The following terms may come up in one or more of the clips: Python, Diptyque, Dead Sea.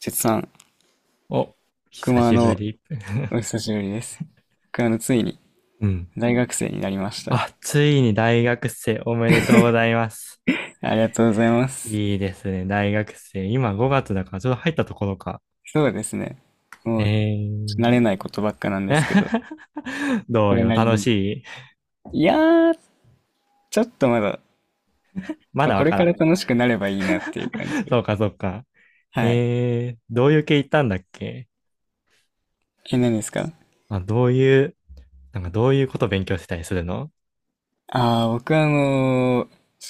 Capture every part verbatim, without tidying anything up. せつさん、お、久熊しぶのり。お 久しぶりです。熊のついにうん。大学生になりました。あ、ついに大学生おめでとう ございます。ありがとうございます。いいですね、大学生。今ごがつだから、ちょうど入ったところか。そうですね。もうえ慣ー。れないことばっかなんですけど、どそうれよ、なり楽しに。い？いやー、ちょっとまだ、ままあ、だわこれかからん。ら楽しくなればいいなっていう感じ で。そうか、そうか。はい。えー、どういう系行ったんだっけ？え、何ですか？あ、どういう、なんかどういうこと勉強してたりするの？ああ、僕はあのー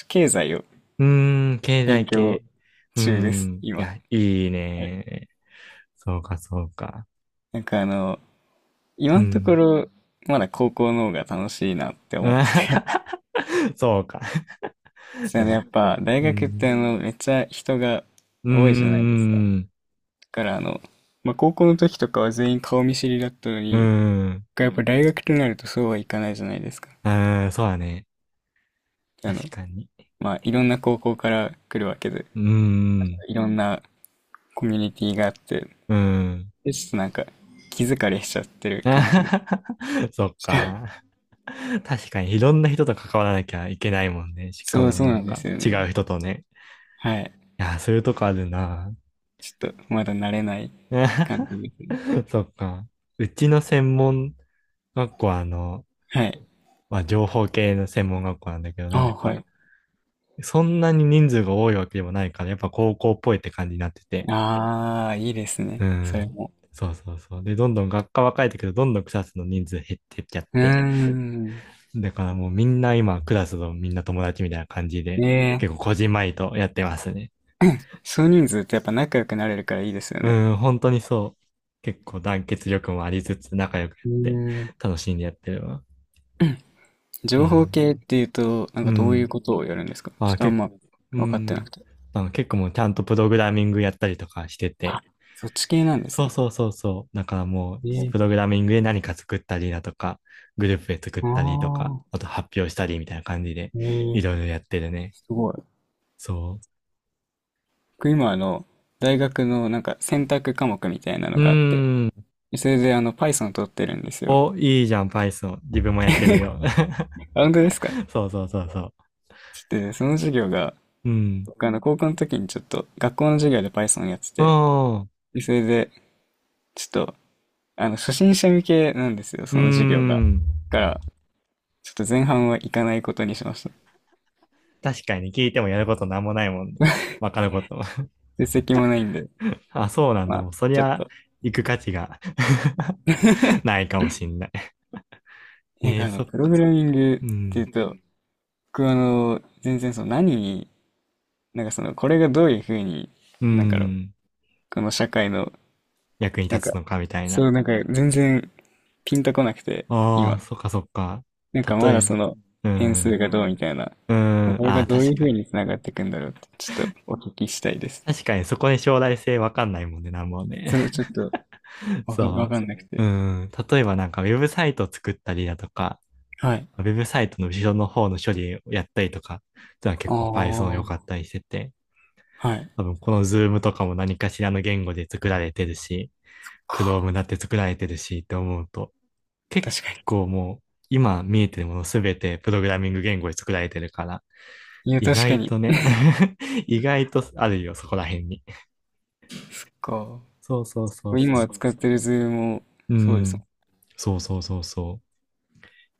経済をうーん、経勉済強系。うー中です、ん、今。いや、はいいい。ね。そうか、そうか。なんかあのー今うのとこん。ろ、まだ高校の方が楽しいなってう思っん。 てて、 そうか。そでうね、やも、っぱ大う学ってん。あのめっちゃ人がうー多いじゃないですか。だん。からあの、まあ、高校の時とかは全員顔見知りだったのうーに、ん。やっぱ大学となるとそうはいかないじゃないですか。うーん。そうだね。あ確の、かに。まあ、いろんな高校から来るわけで、うーん。いろんなコミュニティがあって、うーん。で、ちょっとなんか気疲れしちゃってる感じで。そっ か。確かに、いろんな人と関わらなきゃいけないもんね。しかそうもそうななんんでか、すよ違うね。人とね。はい。いやー、そういうとこあるな。ちょっとまだ慣れない感じですね。そっか。うちの専門学校は、あの、はい。まあ、情報系の専門学校なんだけど、なんあ、はか、い。そんなに人数が多いわけでもないから、やっぱ高校っぽいって感じになってて。ああ、いいですね。うそれん。も。そうそうそう。で、どんどん学科は変えてけど、どんどんクラスの人数減ってっちゃっうーて。ん。だからもうみんな今、クラスのみんな友達みたいな感じで、ねえ、結構こじんまりとやってますね。少人数ってやっぱ仲良くなれるからいいですよね。うん、本当にそう。結構団結力もありつつ仲良くやっうてーん。楽しんでやってるわ。情え報ー系っていうと、なんうかどういうん。ことをやるんですか？ちょっあ、とあんけ、まう分かってなん。くて。なんか結構もうちゃんとプログラミングやったりとかしてあ、て。そっち系なんですそうね。そうそうそう。だからもう、えプえ、ログラミングで何か作ったりだとか、グループで作っあたりとか、あ、あと発表したりみたいな感じで、えいえ、ろいろやってるね。すごい。そ僕今あの、大学のなんか選択科目みたいなのう。うがあって、ーん。それであの Python 取ってるんですよ。お、いいじゃん、Python。自分もやってるよ。あ、本当ですか？ そうそうそうそう。ちょっとね、その授業が、うん。僕あの高校の時にちょっと学校の授業で Python やってうて、ん。でそれでちょっとあの、初心者向けなんですよ、うーその授業が。だん。から、ちょっと前半は行かないことにしました。確かに聞いてもやることなんもないもんね。わかることも。実績もないんで、あ、そうなんまだ。もあ、う、そりちょっゃ、と。行く価値が ないかもしんない。なんえかー、あの、そっプログラか。ミングうっていん。うと、僕はあの、全然その何に、なんかその、これがどういうふうに、うなんかの、ん。この社会の、役になん立つか、のか、みたいな。そう、なんか全然ピンとこなくて、あ今。あ、そっかそっか。なんかま例だえその、ば、う変数ん。がどうみたいな、うん。これあがあ、どうい確うふかうに。につながっていくんだろうって、ちょっとお聞きしたいです。確かに、そこに将来性わかんないもんね、なんもね。それちょっと、わか、わそかんなくう。て。うん。例えばなんかウェブサイトを作ったりだとか、はい。ウェブサイトの後ろの方の処理をやったりとか、ってのはあ結構 Python 良かっあ、たりしてて、はい。多分この Zoom とかも何かしらの言語で作られてるし、Chrome だって作られてるしって思うと、結確か構もう今見えてるものすべてプログラミング言語で作られてるから、に。いや、意確か外に。とね 意外とあるよ、そこら辺に。か、そうそうそうそ今う。使ってるズームも、うそうですもん。ん。そうそうそうそう。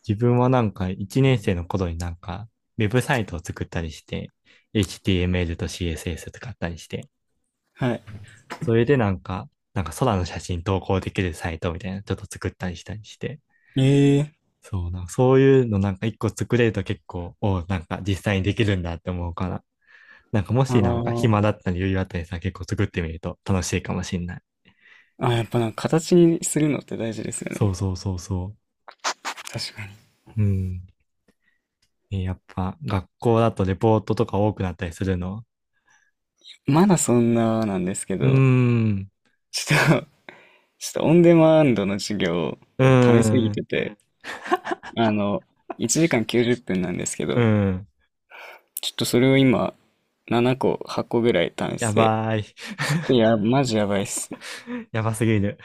自分はなんかいちねん生の頃になんかウェブサイトを作ったりして、エイチティーエムエル と シーエスエス 使ったりして、はい。それでなんか、なんか空の写真投稿できるサイトみたいなちょっと作ったりしたりして、ええ、そうな、そういうのなんか一個作れると結構、おなんか実際にできるんだって思うから、なんかもあしなんかー、暇だったり余裕あったりさ、結構作ってみると楽しいかもしんない。あ、やっぱなんか形にするのって大事ですよそね。うそうそうそ確かに。う。うん。え、やっぱ学校だとレポートとか多くなったりするの？まだそんななんですけうーど、ん。ちょっと ちょっとオンデマンドの授業をうー溜すぎん。てて、あの、いちじかんきゅうじゅっぷんなんですけうど、ん。ちょっとそれを今、ななこ、はっこぐらい試やして、ばい。ちょっとや、マジやばいっす。やばすぎる。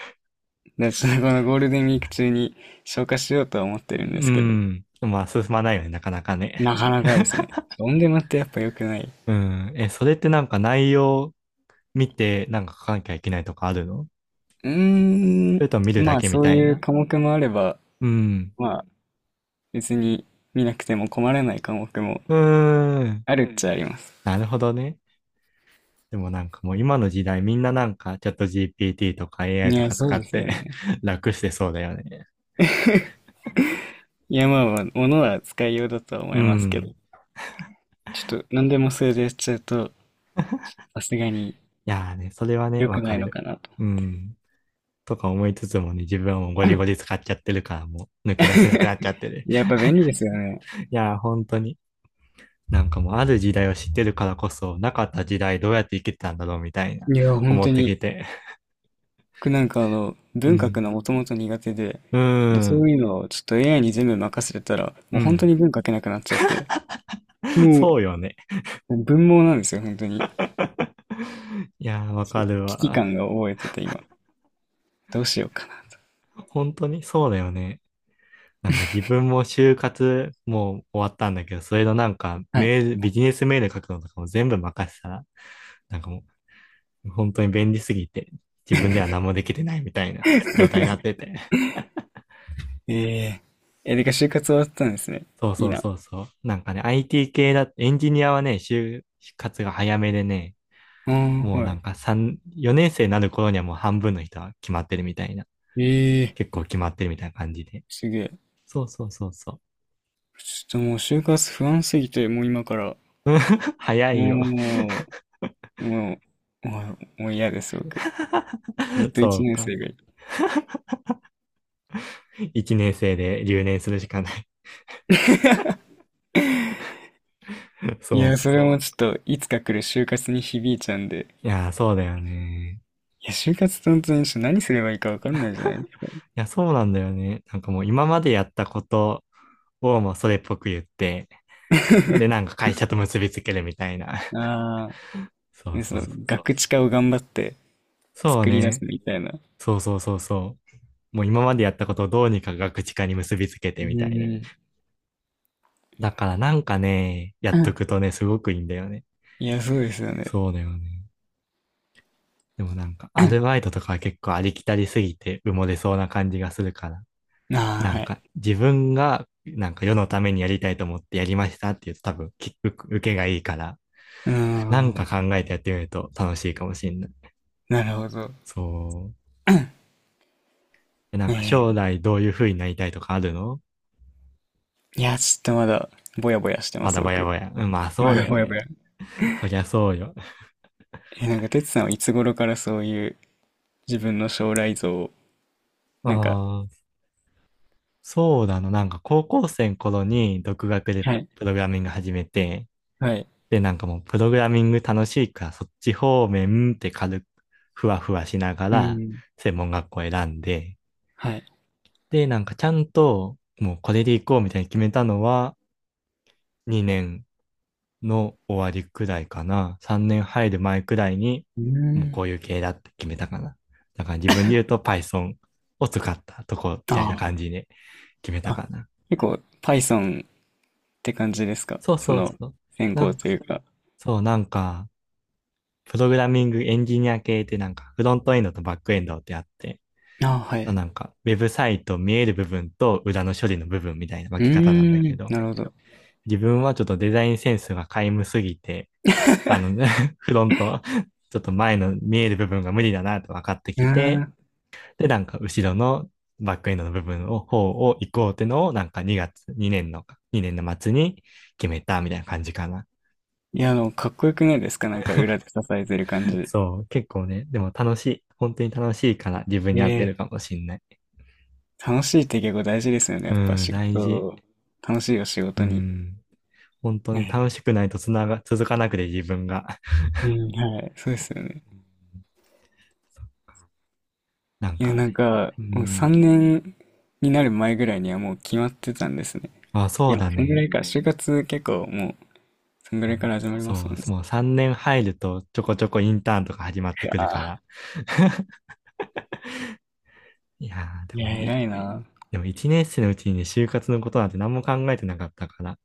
で、それこのゴールデンウィーク中に消化しようとは思っうてるんですけど、ん。まあ、進まないよね、なかなかね。なかなかですね。オンデマってやっぱ良くない。うん。え、それってなんか内容見て、なんか書かなきゃいけないとかあるの？うーそん、れとも見るだまあけみそうたいいうな。科目もあれば、うん。まあ別に見なくても困らない科目もうーん。あるっちゃあります。なるほどね。でもなんかもう今の時代みんななんかチャット ジーピーティー とか エーアイ いとや、かそ使うでっすよて ね。楽してそうだよね。いや、まあまあ、物は使いようだとは思ういますけん。ど、ちょっと何でもそれでやっちゃうと、さすがにいやーね、それはね、良わくなかいのる。かなと。うん。とか思いつつもね、自分はもうゴリゴリ使っちゃってるからもう抜け出せなくなっ ちゃってる。やっぱ便利ですよね。いや、本当に。なんかもうある時代を知ってるからこそ、なかった時代どうやって生きてたんだろうみたいな、いや、本思当ってに。きて。僕なんかあのう文学ん。がもともと苦手で、うで、ーそん。ういうのをちょっと エーアイ に全部任せてたら、うもう本当ん。に文書けなくなっちゃって、もう、そうよね。もう文盲なんですよ、本当に。いやー、わちょかっとる危機わ。感が覚えてて今。どうしようかなと。本当にそうだよね。なんか自分も就活もう終わったんだけど、それのなんかはい。メール、ビジネスメール書くのとかも全部任せたら、なんかもう本当に便利すぎて、自分では何もできてないみたいな状態になって て。ええー、え、でか、就活終わったんですね。そういいそうな。そうそう。なんかね、アイティー 系だ、エンジニアはね、就活が早めでね、ああ、もうなはんかさん、よねん生になる頃にはもう半分の人は決まってるみたいな。い。ええー、結構決まってるみたいな感じで。すげえ。そうそうそうそう。ちょっともう就活不安すぎて、もう今から、早いよ。もう、もう、もう、もう嫌です、僕。ずっ とそ一う年か。生が、いちねん生で留年するしかない。いそや、うそか。れもちょっと、いつか来る就活に響いちゃうんで。いやー、そうだよね。いや、就活って本当にちょっと何すればいいかわかんないじゃないですか。いや、そうなんだよね。なんかもう今までやったことをもうそれっぽく言って、で、な んか会社と結びつけるみたいな。あ そあ、うね、そその、うガクチカを頑張ってそう作り出すね。みたいな。そうそうそうそう。もう今までやったことをどうにかガクチ化に結びつけうてみたいな。ん。だからなんかね、やうっとん、くとね、すごくいいんだよね。いや、そうですよね。そうだよね。でもなんか、アルバイ トとかは結構ありきたりすぎて埋もれそうな感じがするから。うん、ああ、なはんい。か、自分がなんか世のためにやりたいと思ってやりましたっていうと多分、き受受けがいいから、うーなんかん。考えてやってみると楽しいかもしれない。なるほど。そう。うでなんん、かえ将ー来どういう風になりたいとかあるの？いや、ちょっとまだ、ぼやぼやしてまます、だばやば僕。や。うん、まあそまうだだよぼやぼね。や。そりゃそうよ。えー、なんか、てつさんはいつ頃からそういう自分の将来像を、なんか、ああ、そうだな。なんか高校生の頃に独学ではい、プログラミング始めて、はい。で、なんかもうプログラミング楽しいからそっち方面って軽くふわふわしながうらん。専門学校選んで、はい。で、なんかちゃんと、もうこれで行こうみたいに決めたのは、にねんの終わりくらいかな。さんねん入る前くらいに、うもうこん。ういう系だって決めたかな。だから自分で言うと Python を使ったとこみたいなあ感じで決めたあ。あ、かな。結構 Python って感じですか？そうそそうの、そう。専な攻んか、というか。そう、なんか、プログラミングエンジニア系ってなんか、フロントエンドとバックエンドってあって、ああ、はい。なんか、ウェブサイト見える部分と裏の処理の部分みたいな分うーけ方なんだけん、ど、なるほど。自分はちょっとデザインセンスが皆無すぎて、あの、フロント、ちょっと前の見える部分が無理だなと分かってうきーて、ん。で、なんか後ろのバックエンドの部分を、方を行こうってのを、なんかにがつ、にねんの、にねんの末に決めたみたいな感じかな。いや、あの、かっこよくないですか？なんか裏で支えてる感じ。そう、結構ね、でも楽しい。本当に楽しいから自分に合ってるええ、かもしんない。楽しいって結構大事ですよね。やうっぱん、仕大事。事、楽しいよ、仕う事に。ん。本当に楽しくないとつなが、続かなくて自分が。うん、はい、そうですよね。うん。なんいや、か、なんか、うもうん、さんねんになる前ぐらいにはもう決まってたんですね。あ、いそうや、もだうそんぐらね。いから、就活結構もう、そんぐらいから始まりますそもう、んね。そう、もうさんねん入るとちょこちょこインターンとか始まっていくるかやら。いやー、でー、いもや、ね、い偉いいな。でもいちねん生のうちにね、就活のことなんて何も考えてなかったから、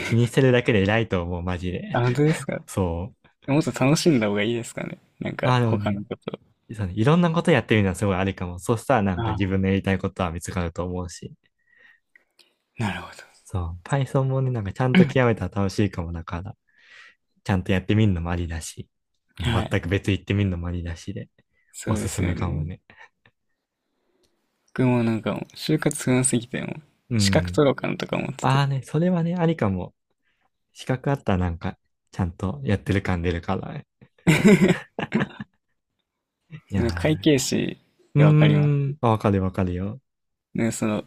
気にしてるだけで偉いと思う、マジで。あ、本当ですか？そう。もっと楽しんだ方がいいですかね。なんか、あ、でも他ね、のこと。そうね、いろんなことやってみるのはすごいありかも。そしたらなあんかあ、自分のやりたいことは見つかると思うし。なるほど。そう。Python もね、なんかちゃんと極めたら楽しいかもだから、ちゃんとやってみるのもありだし、もはうい。全く別行ってみるのもありだしで、そおうすですすめよかもね。ね。僕もなんかもう、就活不安すぎて、もう、う資格ん。取ろうかなとか思ってあて。あね、それはね、ありかも。資格あったらなんか、ちゃんとやってる感出るから。い その会や計士っー。うーてわかります？ん。あ、わかるわかるよ。ね、その、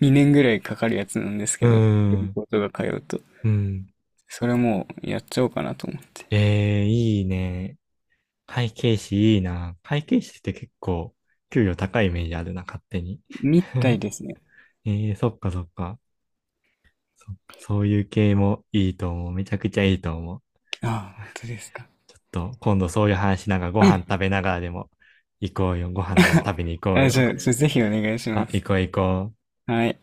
にねんぐらいかかるやつなんですうけーど、予備ん。校とか通うと。うん。それもう、やっちゃおうかなと思って。えー、いいね。会計士いいな。会計士って結構、給料高いイメージあるな、勝手に。みたい ですね。えー、そっかそっか。そっかそういう系もいいと思う。めちゃくちゃいいと思う。ああ、本当ですか。ちょっと今度そういう話なんかご飯食べながらでも行こうよ。ご飯でも食べに行こうあ、じよ。ゃあ、ちょぜひお願いしあ、ま行す。こう行こう。はい。